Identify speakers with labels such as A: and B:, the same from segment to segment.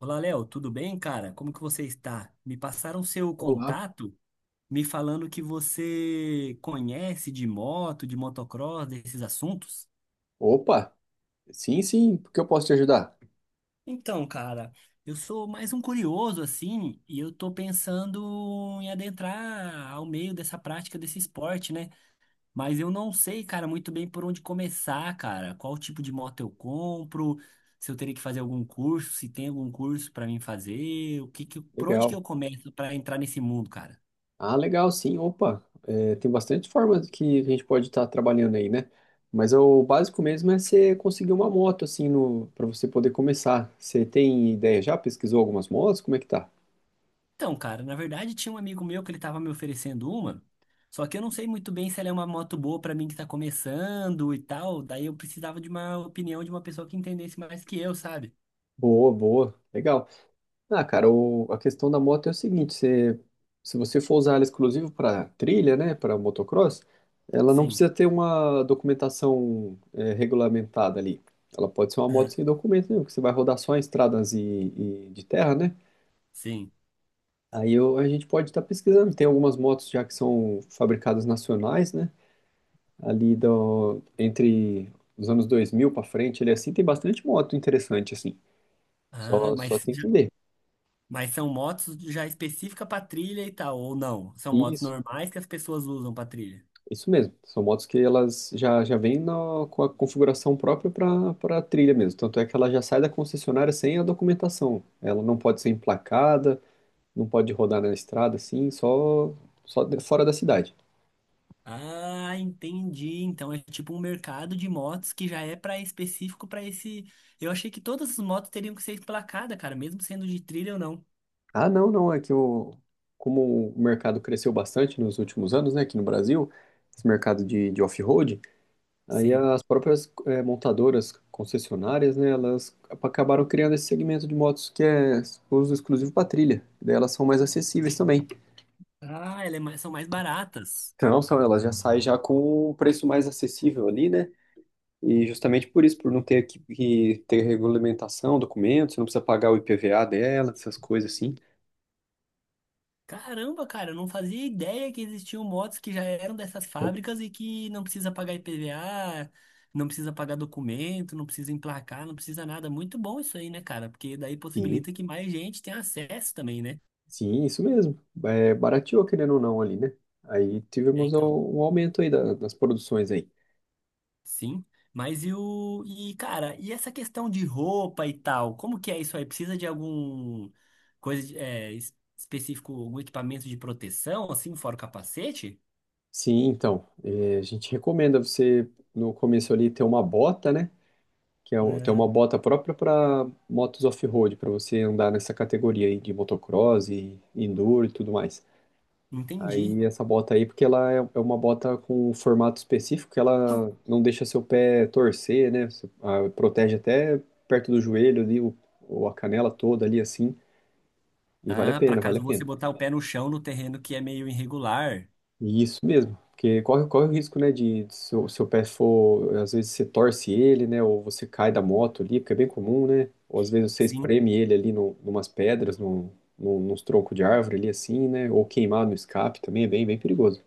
A: Olá, Léo, tudo bem, cara? Como que você está? Me passaram seu
B: Olá.
A: contato, me falando que você conhece de moto, de motocross, desses assuntos.
B: Opa, sim, sim, porque eu posso te ajudar?
A: Então, cara, eu sou mais um curioso assim, e eu tô pensando em adentrar ao meio dessa prática desse esporte, né? Mas eu não sei, cara, muito bem por onde começar, cara. Qual tipo de moto eu compro? Se eu teria que fazer algum curso, se tem algum curso para mim fazer, por onde que
B: Legal.
A: eu começo para entrar nesse mundo, cara?
B: Ah, legal, sim, opa. É, tem bastante formas que a gente pode estar trabalhando aí, né? Mas o básico mesmo é você conseguir uma moto, assim, no, para você poder começar. Você tem ideia já? Pesquisou algumas motos? Como é que tá?
A: Então, cara, na verdade tinha um amigo meu que ele tava me oferecendo uma, só que eu não sei muito bem se ela é uma moto boa pra mim que tá começando e tal, daí eu precisava de uma opinião de uma pessoa que entendesse mais que eu, sabe?
B: Boa, boa, legal. Ah, cara, a questão da moto é o seguinte. Se você for usar ela exclusivo para trilha, né, para motocross, ela não
A: Sim,
B: precisa ter uma documentação regulamentada ali. Ela pode ser uma moto
A: né?
B: sem documento nenhum, que você vai rodar só em estradas e, de terra, né?
A: Sim.
B: A gente pode estar pesquisando. Tem algumas motos já que são fabricadas nacionais, né? Ali entre os anos 2000 para frente, ele assim tem bastante moto interessante assim.
A: Ah,
B: Só tem que ver.
A: mas são motos já específica pra trilha e tal, ou não? São motos
B: Isso.
A: normais que as pessoas usam pra trilha?
B: Isso mesmo, são motos que elas já vêm com a configuração própria para a trilha mesmo. Tanto é que ela já sai da concessionária sem a documentação. Ela não pode ser emplacada, não pode rodar na estrada assim, só fora da cidade.
A: Ah, entendi. Então é tipo um mercado de motos que já é para específico para esse. Eu achei que todas as motos teriam que ser emplacadas, cara, mesmo sendo de trilha ou não.
B: Ah, não, não, é que como o mercado cresceu bastante nos últimos anos, né, aqui no Brasil, esse mercado de, off-road. Aí
A: Sim.
B: as próprias montadoras, concessionárias, né, elas acabaram criando esse segmento de motos que é uso exclusivo para trilha. Daí elas são mais acessíveis também.
A: Ah, são mais baratas.
B: Então, elas já saem já com um preço mais acessível ali, né? E justamente por isso, por não ter que ter regulamentação, documentos, você não precisa pagar o IPVA dela, essas coisas assim.
A: Caramba, cara, eu não fazia ideia que existiam motos que já eram dessas fábricas e que não precisa pagar IPVA, não precisa pagar documento, não precisa emplacar, não precisa nada. Muito bom isso aí, né, cara? Porque daí
B: Sim,
A: possibilita que mais gente tenha acesso também, né?
B: sim, isso mesmo. É, barateou, querendo ou não, ali, né? Aí
A: É,
B: tivemos um
A: então.
B: um aumento aí das produções aí.
A: Sim. Mas e o. E, cara, e essa questão de roupa e tal? Como que é isso aí? Precisa de algum coisa de- é, es- específico, algum equipamento de proteção, assim, fora o capacete?
B: Sim, então, a gente recomenda você no começo ali ter uma bota, né? Que é ter
A: É.
B: uma bota própria para motos off-road, para você andar nessa categoria aí de motocross e enduro e tudo mais.
A: Entendi.
B: Aí essa bota aí, porque ela é uma bota com um formato específico que ela não deixa seu pé torcer, né? Você, protege até perto do joelho ali, ou a canela toda ali assim, e vale a
A: Ah, para
B: pena, vale
A: caso
B: a
A: você
B: pena.
A: botar o pé no chão no terreno que é meio irregular.
B: Isso mesmo, porque corre o risco, né, de se o seu pé for, às vezes você torce ele, né, ou você cai da moto ali, porque é bem comum, né, ou às vezes você
A: Sim.
B: espreme ele ali no, numas pedras, nos troncos de árvore ali assim, né, ou queimar no escape também é bem, bem perigoso.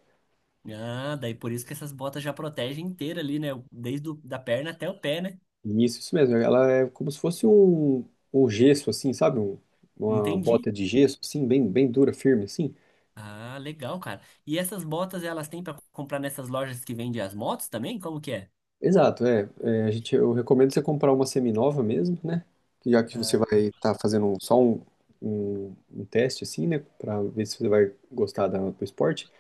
A: Ah, daí por isso que essas botas já protegem inteira ali, né? Desde o, da perna até o pé, né?
B: Isso mesmo, ela é como se fosse um, um, gesso assim, sabe, uma
A: Entendi.
B: bota de gesso assim, bem, bem dura, firme assim.
A: Ah, legal, cara. E essas botas elas têm para comprar nessas lojas que vendem as motos também? Como que é?
B: Exato, eu recomendo você comprar uma seminova mesmo, né? Que Já que você
A: Ah.
B: vai estar fazendo só um, um teste, assim, né? Para ver se você vai gostar do esporte.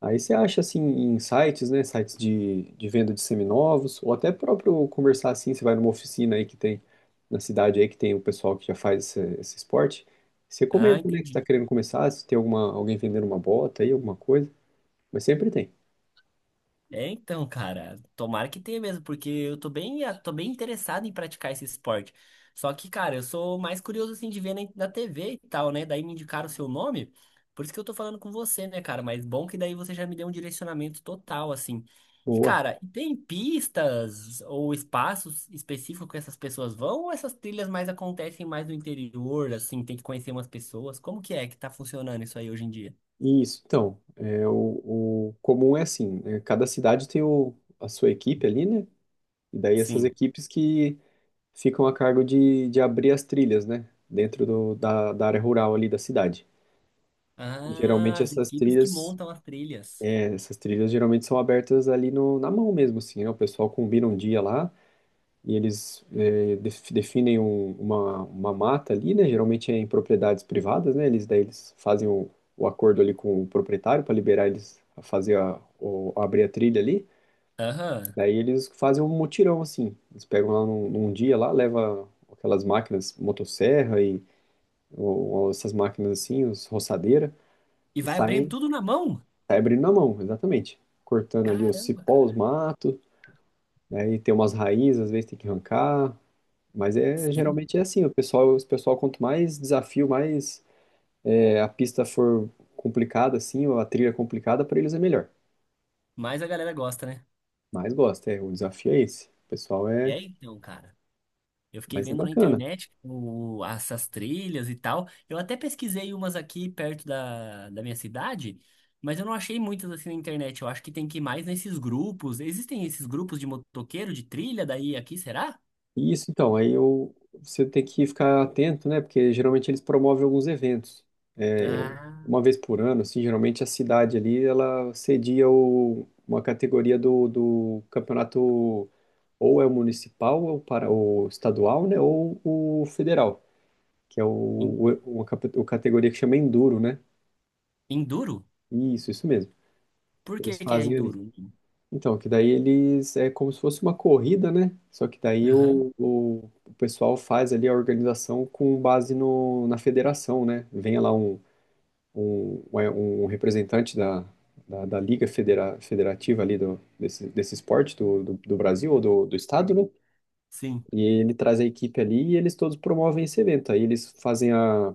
B: Aí você acha, assim, em sites, né? Sites de, venda de seminovos, ou até próprio conversar, assim, você vai numa oficina aí que tem, na cidade aí que tem o pessoal que já faz esse esporte. Você
A: Ah,
B: comenta, né, que você
A: entendi.
B: está querendo começar, se tem alguma, alguém vendendo uma bota aí, alguma coisa. Mas sempre tem.
A: É, então, cara, tomara que tenha mesmo, porque eu tô bem interessado em praticar esse esporte. Só que, cara, eu sou mais curioso, assim, de ver na TV e tal, né? Daí me indicaram o seu nome, por isso que eu tô falando com você, né, cara? Mas bom que daí você já me deu um direcionamento total, assim. E,
B: Boa.
A: cara, tem pistas ou espaços específicos que essas pessoas vão ou essas trilhas mais acontecem mais no interior, assim, tem que conhecer umas pessoas? Como que é que tá funcionando isso aí hoje em dia?
B: Isso, então, o, comum é assim, né, cada cidade tem a sua equipe ali, né? E daí essas
A: Sim.
B: equipes que ficam a cargo de abrir as trilhas, né? Dentro da área rural ali da cidade. E
A: Ah,
B: geralmente
A: as
B: essas
A: equipes que
B: trilhas,
A: montam as trilhas.
B: geralmente são abertas ali no, na mão mesmo, assim, né? O pessoal combina um dia lá, e eles definem uma mata ali, né? Geralmente é em propriedades privadas, né? Eles daí eles fazem o acordo ali com o proprietário para liberar eles a fazer a abrir a trilha ali.
A: Aham.
B: Daí eles fazem um mutirão assim. Eles pegam lá num dia lá, leva aquelas máquinas, motosserra e ou essas máquinas assim, os roçadeira,
A: E
B: e
A: vai abrindo
B: saem,
A: tudo na mão?
B: saem abrindo na mão, exatamente. Cortando ali os
A: Caramba,
B: cipós, os
A: cara.
B: matos, daí tem umas raízes, às vezes tem que arrancar. Mas
A: Sim,
B: geralmente é assim. O pessoal quanto mais desafio, mais a pista for complicada assim, ou a trilha complicada, para eles é melhor.
A: mas a galera gosta, né?
B: Mas gosta, o desafio é esse.
A: E aí, então, cara, eu fiquei
B: Mas é
A: vendo na
B: bacana.
A: internet o, essas trilhas e tal. Eu até pesquisei umas aqui perto da minha cidade, mas eu não achei muitas assim na internet. Eu acho que tem que ir mais nesses grupos. Existem esses grupos de motoqueiro, de trilha daí aqui, será?
B: E isso então, você tem que ficar atento, né? Porque geralmente eles promovem alguns eventos. É,
A: Ah,
B: uma vez por ano, assim, geralmente a cidade ali, ela cedia uma categoria do campeonato, ou é o municipal, ou para o estadual, né? Ou o federal. Que é
A: en-
B: o, uma, cap- o categoria que chama Enduro, né?
A: enduro?
B: Isso mesmo.
A: Por que
B: Eles
A: que é
B: fazem ali.
A: enduro?
B: Então, que daí eles é como se fosse uma corrida, né? Só que daí
A: Aham,
B: o pessoal faz ali a organização com base no, na federação, né? Vem lá um, um representante da Liga Federativa ali desse esporte do Brasil ou do estado, né?
A: sim.
B: E ele traz a equipe ali e eles todos promovem esse evento. Aí eles fazem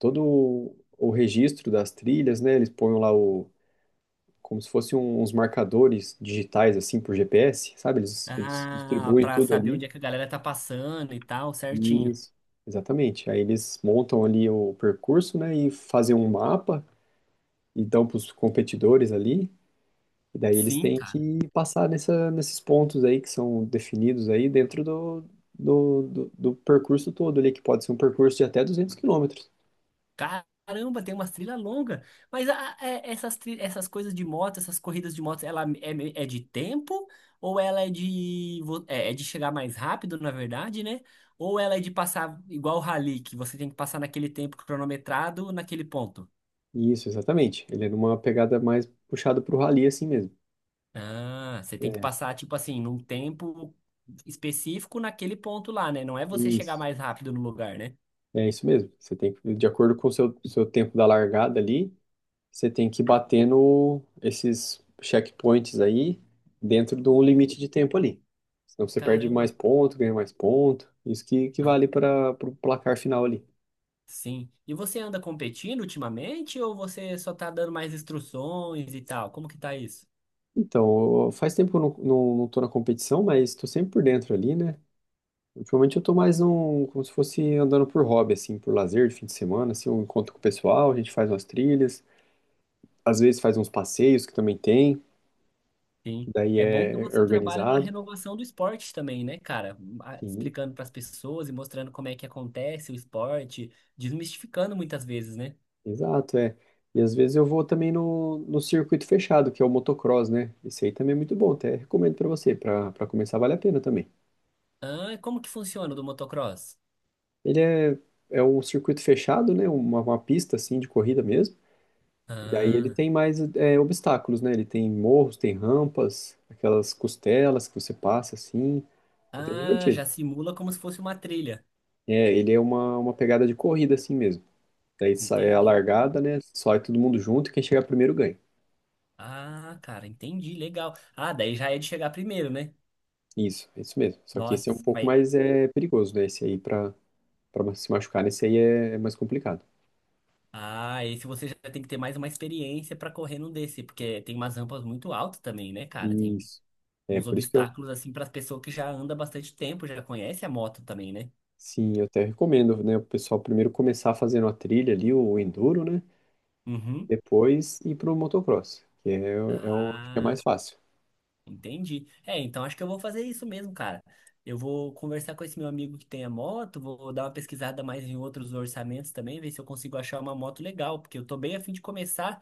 B: todo o registro das trilhas, né? Eles põem lá como se fossem uns marcadores digitais, assim, por GPS, sabe? Eles
A: Ah,
B: distribuem
A: pra
B: tudo
A: saber
B: ali.
A: onde é que a galera tá passando e tal, certinho.
B: Isso, exatamente. Aí eles montam ali o percurso, né? E fazem um mapa e dão para os competidores ali. E daí eles
A: Sim,
B: têm
A: cara.
B: que passar nesses pontos aí que são definidos aí dentro do percurso todo ali, que pode ser um percurso de até 200 quilômetros.
A: Caramba, tem umas trilhas longas. Mas essas, essas coisas de moto, essas corridas de moto, é de tempo? Ou ela é de, vo- é, é de chegar mais rápido, na verdade, né? Ou ela é de passar igual o rally, que você tem que passar naquele tempo cronometrado, naquele ponto?
B: Isso, exatamente. Ele é numa pegada mais puxada para o rally assim mesmo.
A: Ah, você tem que
B: É,
A: passar, tipo assim, num tempo específico naquele ponto lá, né? Não é você chegar
B: isso.
A: mais rápido no lugar, né?
B: É isso mesmo. Você tem que, de acordo com o seu, tempo da largada ali, você tem que ir batendo esses checkpoints aí dentro de um limite de tempo ali. Senão você perde mais
A: Caramba.
B: ponto, ganha mais ponto. Isso que, vale para o placar final ali.
A: Sim. E você anda competindo ultimamente ou você só tá dando mais instruções e tal? Como que tá isso?
B: Então, faz tempo que eu não tô na competição, mas estou sempre por dentro ali, né? Ultimamente eu tô mais como se fosse andando por hobby, assim, por lazer de fim de semana, assim, eu encontro com o pessoal, a gente faz umas trilhas, às vezes faz uns passeios que também tem. Que
A: Sim.
B: daí
A: É bom que
B: é
A: você trabalha na
B: organizado.
A: renovação do esporte também, né, cara?
B: Sim,
A: Explicando para as pessoas e mostrando como é que acontece o esporte, desmistificando muitas vezes, né?
B: exato, é. E às vezes eu vou também no circuito fechado, que é o motocross, né? Esse aí também é muito bom, até recomendo pra você. Pra para começar vale a pena também.
A: Ah, e como que funciona o do motocross?
B: Ele é um circuito fechado, né? Uma pista assim de corrida mesmo. Daí ele
A: Ah,
B: tem mais obstáculos, né? Ele tem morros, tem rampas, aquelas costelas que você passa assim. É bem
A: ah,
B: divertido.
A: já simula como se fosse uma trilha.
B: É, ele é uma, pegada de corrida assim mesmo. Daí sai a
A: Entendi.
B: largada, né? Sai todo mundo junto e quem chegar primeiro ganha.
A: Ah, cara, entendi, legal. Ah, daí já é de chegar primeiro, né?
B: Isso, é isso mesmo. Só que esse é um
A: Nossa,
B: pouco
A: mas
B: mais perigoso, né? Esse aí, pra se machucar, esse aí é mais complicado.
A: ah, esse você já tem que ter mais uma experiência pra correr num desse, porque tem umas rampas muito altas também, né, cara? Tem
B: Isso. É,
A: uns
B: por isso que eu,
A: obstáculos assim para as pessoas que já andam bastante tempo, já conhece a moto também, né?
B: sim, eu até recomendo, né, o pessoal primeiro começar fazendo a trilha ali, o enduro, né?
A: Uhum.
B: Depois ir pro motocross, que é, é o acho que é mais
A: Ah,
B: fácil.
A: entendi. É, então acho que eu vou fazer isso mesmo, cara. Eu vou conversar com esse meu amigo que tem a moto, vou dar uma pesquisada mais em outros orçamentos também, ver se eu consigo achar uma moto legal, porque eu tô bem a fim de começar.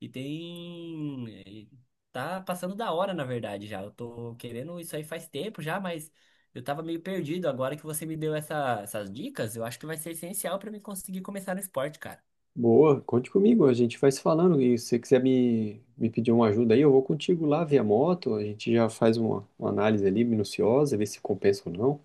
A: E tem. eh, Tá passando da hora, na verdade, já. Eu tô querendo isso aí faz tempo já, mas eu tava meio perdido. Agora que você me deu essas dicas, eu acho que vai ser essencial pra mim conseguir começar no esporte, cara.
B: Boa, conte comigo, a gente vai se falando. E se você quiser me pedir uma ajuda aí, eu vou contigo lá via moto, a gente já faz uma, análise ali minuciosa, ver se compensa ou não.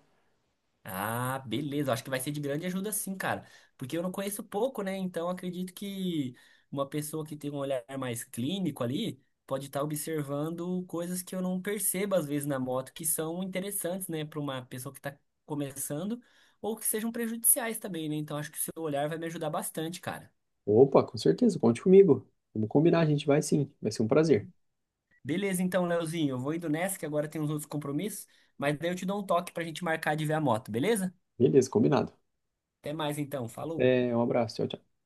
A: Ah, beleza. Acho que vai ser de grande ajuda sim, cara. Porque eu não conheço pouco, né? Então acredito que uma pessoa que tem um olhar mais clínico ali pode estar observando coisas que eu não percebo às vezes na moto, que são interessantes, né, para uma pessoa que está começando ou que sejam prejudiciais também, né? Então acho que o seu olhar vai me ajudar bastante, cara.
B: Opa, com certeza, conte comigo. Vamos combinar, a gente vai sim. Vai ser um prazer.
A: Beleza, então, Leozinho, eu vou indo nessa que agora tem uns outros compromissos, mas daí eu te dou um toque pra gente marcar de ver a moto, beleza?
B: Beleza, combinado.
A: Até mais então, falou.
B: Até, um abraço. Tchau, tchau.